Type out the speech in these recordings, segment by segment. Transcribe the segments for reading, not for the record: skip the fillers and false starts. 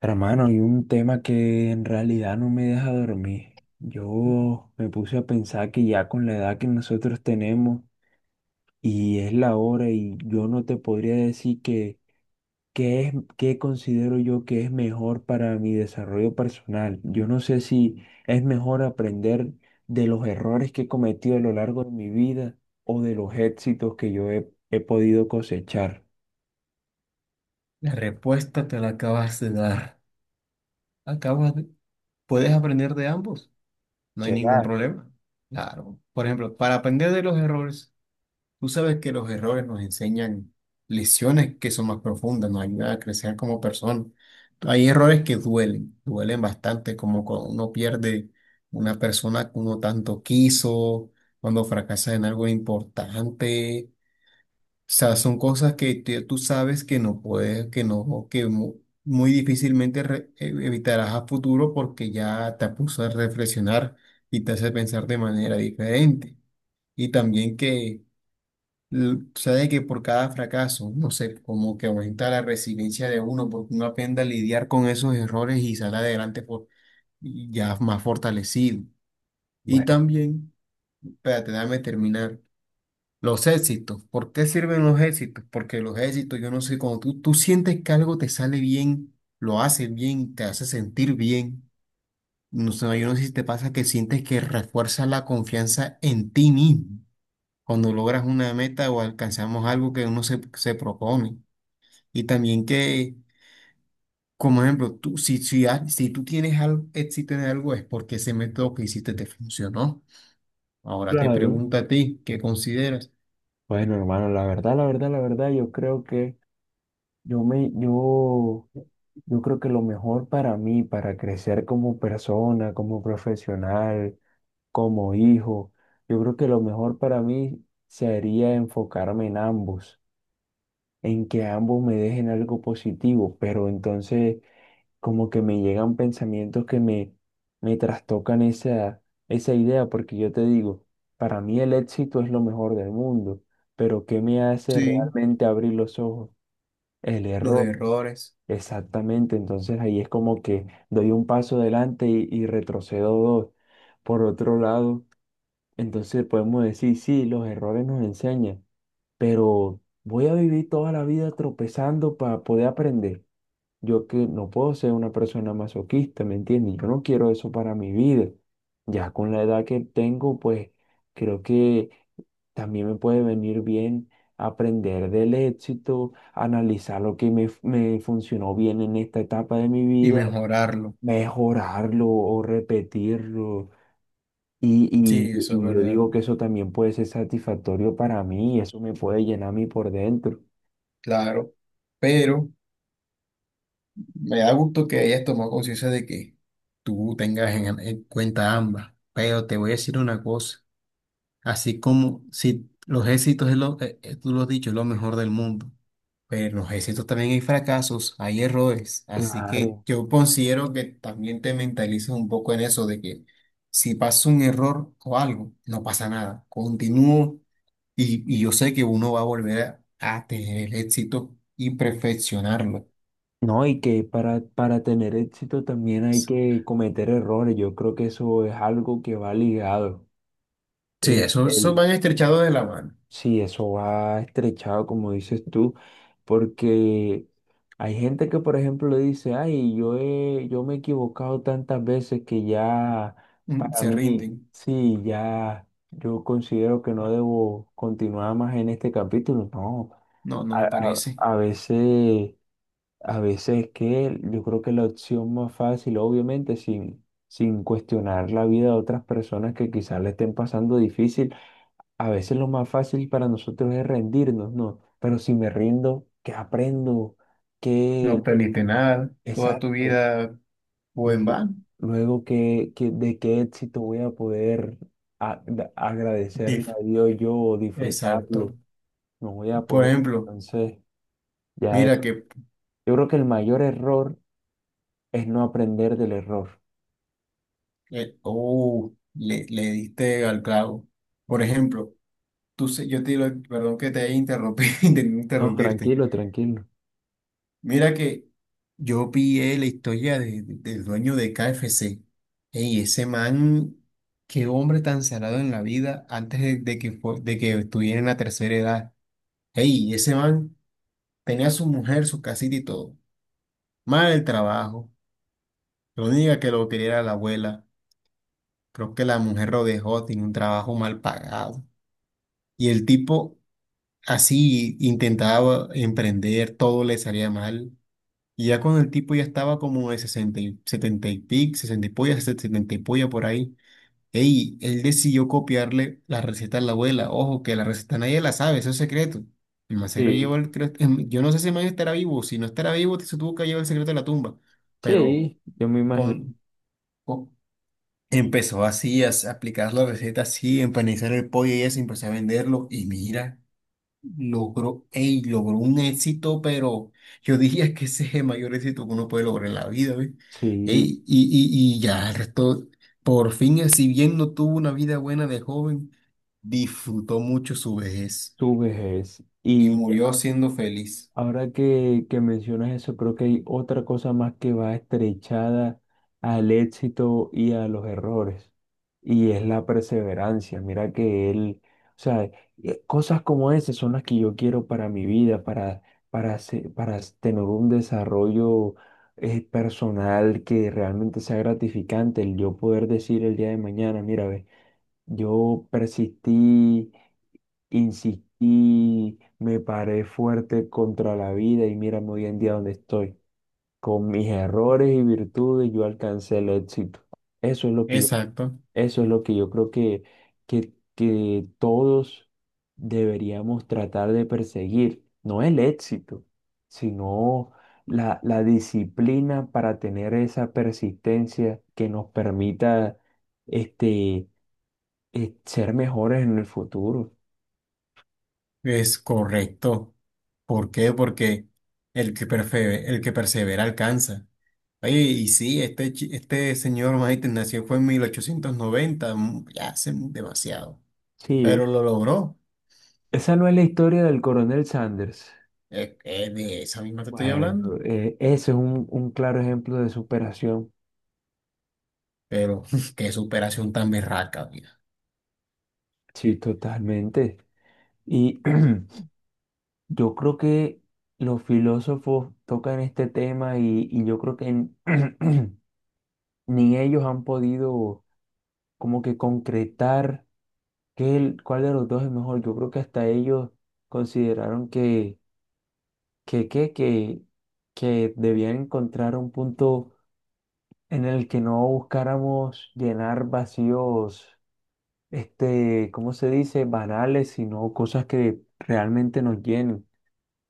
Hermano, hay un tema que en realidad no me deja dormir. Yo me puse a pensar que ya con la edad que nosotros tenemos y es la hora y yo no te podría decir que qué es qué considero yo que es mejor para mi desarrollo personal. Yo no sé si es mejor aprender de los errores que he cometido a lo largo de mi vida o de los éxitos que yo he podido cosechar. La respuesta te la acabas de dar. Acabas de- Puedes aprender de ambos, no hay ¿Será? ningún problema. Claro. Por ejemplo, para aprender de los errores, tú sabes que los errores nos enseñan lecciones que son más profundas, nos ayudan a crecer como personas. Hay errores que duelen, duelen bastante, como cuando uno pierde una persona que uno tanto quiso, cuando fracasa en algo importante. O sea, son cosas que tú sabes que no puedes, que no, que muy difícilmente evitarás a futuro porque ya te puso a reflexionar y te hace pensar de manera diferente. Y también que sabes que por cada fracaso, no sé, como que aumenta la resiliencia de uno, porque uno aprende a lidiar con esos errores y sale adelante y ya más fortalecido. Y Bueno, también, espérate, déjame terminar. Los éxitos. ¿Por qué sirven los éxitos? Porque los éxitos, yo no sé, cuando tú sientes que algo te sale bien, lo haces bien, te hace sentir bien. No sé, yo no sé si te pasa que sientes que refuerza la confianza en ti mismo cuando logras una meta o alcanzamos algo que uno se propone. Y también que, como ejemplo, tú, si tú tienes algo, éxito en algo es porque ese método que hiciste te funcionó. Ahora te claro. pregunto a ti, ¿qué consideras? Bueno, hermano, la verdad, la verdad, la verdad, yo creo que Yo me, yo, yo creo que lo mejor para mí, para crecer como persona, como profesional, como hijo, yo creo que lo mejor para mí sería enfocarme en ambos, en que ambos me dejen algo positivo, pero entonces como que me llegan pensamientos me trastocan esa idea, porque yo te digo, para mí el éxito es lo mejor del mundo, pero ¿qué me hace Sí, realmente abrir los ojos? El los error. errores. Exactamente, entonces ahí es como que doy un paso adelante y retrocedo dos. Por otro lado, entonces podemos decir, sí, los errores nos enseñan, pero voy a vivir toda la vida tropezando para poder aprender. Yo que no puedo ser una persona masoquista, ¿me entiendes? Yo no quiero eso para mi vida. Ya con la edad que tengo, pues creo que también me puede venir bien aprender del éxito, analizar lo me funcionó bien en esta etapa de mi Y vida, mejorarlo. mejorarlo o repetirlo. Y, y- Sí, eso es y yo verdad, digo que eso también puede ser satisfactorio para mí, eso me puede llenar a mí por dentro. claro. Pero me da gusto que hayas tomado conciencia de que tú tengas en cuenta ambas. Pero te voy a decir una cosa, así como si los éxitos, es lo, tú lo has dicho, es lo mejor del mundo. Pero en los éxitos también hay fracasos, hay errores. Así que Claro. yo considero que también te mentalices un poco en eso de que si pasa un error o algo, no pasa nada. Continúo. Y yo sé que uno va a volver a tener el éxito y perfeccionarlo. No, y que para tener éxito también hay que cometer errores. Yo creo que eso es algo que va ligado. Sí, El, eso el- van estrechados de la mano. Sí, eso va estrechado, como dices tú, porque hay gente que, por ejemplo, dice, ay, yo me he equivocado tantas veces que ya Mm. para Se mí, rinden. sí, ya yo considero que no debo continuar más en este capítulo. No, No, no a, me a- parece. a veces, a veces que yo creo que la opción más fácil, obviamente, sin cuestionar la vida de otras personas que quizás le estén pasando difícil a veces lo más fácil para nosotros es rendirnos, ¿no? Pero si me rindo, ¿qué aprendo? No ¿Qué, aprendiste nada. Toda tu exacto, vida fue en lu- vano. luego qué, de qué éxito voy a poder agradecerle Dif- a Dios yo o Exacto. disfrutarlo. No voy a Por poder. ejemplo, Entonces, ya es. mira que, Yo creo que el mayor error es no aprender del error. Oh, le diste al clavo. Por ejemplo, yo te digo, perdón que te haya interrumpido, intenté No, interrumpirte. tranquilo, tranquilo. Mira que yo pillé la historia del dueño de KFC. Ey, ese man, qué hombre tan salado en la vida antes de que estuviera en la tercera edad. Ey, ese man tenía a su mujer, su casita y todo. Mal el trabajo. Lo única que lo quería era la abuela. Creo que la mujer lo dejó, tiene un trabajo mal pagado. Y el tipo así intentaba emprender, todo le salía mal. Y ya cuando el tipo ya estaba como de 60 y 70 y pico, 60 y polla, 70 y polla por ahí, ey, él decidió copiarle la receta a la abuela. Ojo, que la receta nadie la sabe, eso es secreto. El man se lo Sí, llevó el sí. Yo no sé si el man estará vivo, si no estará vivo, se tuvo que llevar el secreto de la tumba. Pero Sí, yo me con, imagino. con- empezó así a aplicar la receta, así, empanizar el pollo y eso, empezó a venderlo. Y mira. Logró un éxito, pero yo diría que ese es el mayor éxito que uno puede lograr en la vida, ¿ves? Sí, Ey, y ya el resto, por fin, si bien no tuvo una vida buena de joven, disfrutó mucho su vejez tu vejez. y Y murió siendo feliz. ahora que mencionas eso, creo que hay otra cosa más que va estrechada al éxito y a los errores, y es la perseverancia. Mira que él, o sea, cosas como esas son las que yo quiero para mi vida, para tener un desarrollo personal que realmente sea gratificante, el yo poder decir el día de mañana, mira, ve, yo persistí. Insistí, me paré fuerte contra la vida y mírame hoy en día donde estoy. Con mis errores y virtudes yo alcancé el éxito. Eso es lo que yo, Exacto. eso es lo que yo creo que, todos deberíamos tratar de perseguir. No el éxito, sino la disciplina para tener esa persistencia que nos permita este, ser mejores en el futuro. Es correcto. ¿Por qué? Porque el que persevera alcanza. Oye, y sí, este señor Maiten nació fue en 1890, ya hace demasiado. Pero Sí. lo logró. Esa no es la historia del coronel Sanders. Es de esa misma te estoy Bueno, hablando. Ese es un claro ejemplo de superación. Pero qué superación tan berraca, mira. Sí, totalmente. Y yo creo que los filósofos tocan este tema y yo creo que ni ellos han podido como que concretar qué, cuál de los dos es mejor. Yo creo que hasta ellos consideraron que, que, que, que, que debían encontrar un punto en el que no buscáramos llenar vacíos, este, ¿cómo se dice? Banales, sino cosas que realmente nos llenen.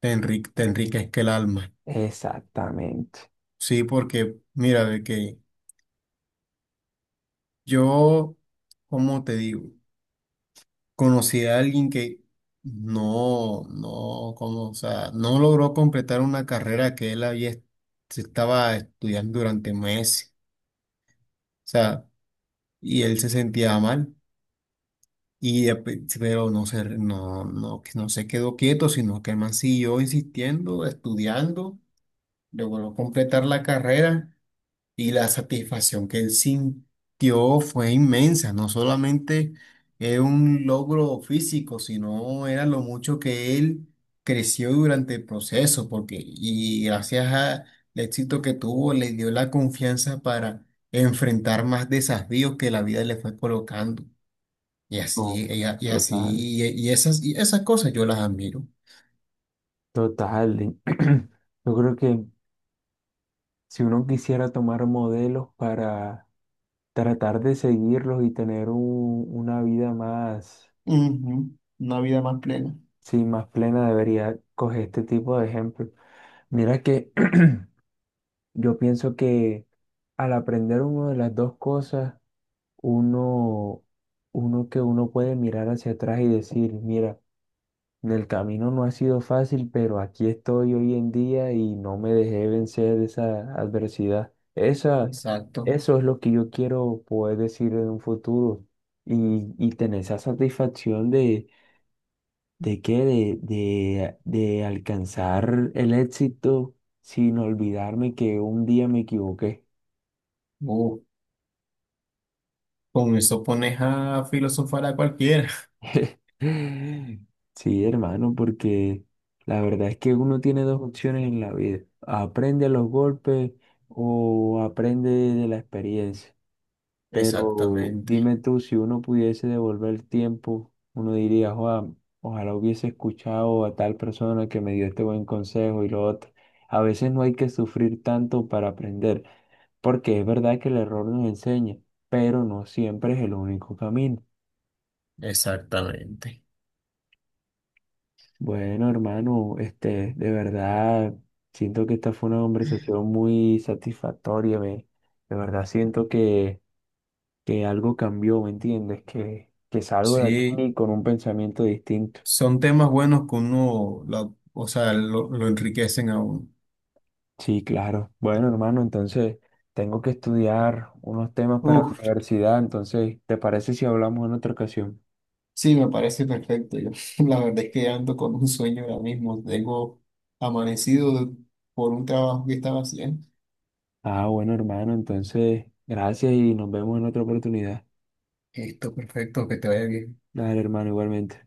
Te enriquezca el alma. Exactamente. Sí, porque mira, de que yo, ¿cómo te digo? Conocí a alguien que no, como, o sea, no logró completar una carrera que él se estaba estudiando durante meses. O sea, y él se sentía mal. Y, pero no se, no, no, que no se quedó quieto, sino que el man siguió insistiendo, estudiando, logró completar la carrera y la satisfacción que él sintió fue inmensa. No solamente era un logro físico, sino era lo mucho que él creció durante el proceso, porque y gracias al éxito que tuvo, le dio la confianza para enfrentar más desafíos que la vida le fue colocando. Y No, así, total. Y esas cosas yo las admiro. Total. Y yo creo que si uno quisiera tomar modelos para tratar de seguirlos y tener una vida más, Ujú, una vida más plena. sí, más plena, debería coger este tipo de ejemplos. Mira que yo pienso que al aprender una de las dos cosas, uno, uno que uno puede mirar hacia atrás y decir, mira, en el camino no ha sido fácil, pero aquí estoy hoy en día y no me dejé vencer de esa adversidad. Exacto. Eso es lo que yo quiero poder decir en un futuro y tener esa satisfacción de, de alcanzar el éxito sin olvidarme que un día me equivoqué. Uh, con eso pones a filosofar a cualquiera. Sí, hermano, porque la verdad es que uno tiene dos opciones en la vida. Aprende a los golpes o aprende de la experiencia. Pero Exactamente, dime tú, si uno pudiese devolver el tiempo, uno diría, "Joa, ojalá hubiese escuchado a tal persona que me dio este buen consejo y lo otro". A veces no hay que sufrir tanto para aprender, porque es verdad que el error nos enseña, pero no siempre es el único camino. exactamente. Bueno, hermano, este, de verdad, siento que esta fue una conversación muy satisfactoria, me, de verdad siento que algo cambió, ¿me entiendes? Que salgo de Sí, aquí con un pensamiento distinto. son temas buenos que uno, o sea, lo enriquecen a uno. Sí, claro. Bueno, hermano, entonces tengo que estudiar unos temas para la Uf, universidad, entonces, ¿te parece si hablamos en otra ocasión? sí, me parece perfecto. Yo, la verdad es que ando con un sueño ahora mismo. Tengo amanecido por un trabajo que estaba haciendo. Ah, bueno, hermano, entonces, gracias y nos vemos en otra oportunidad. Esto, perfecto, que te vaya bien. Dale, hermano, igualmente.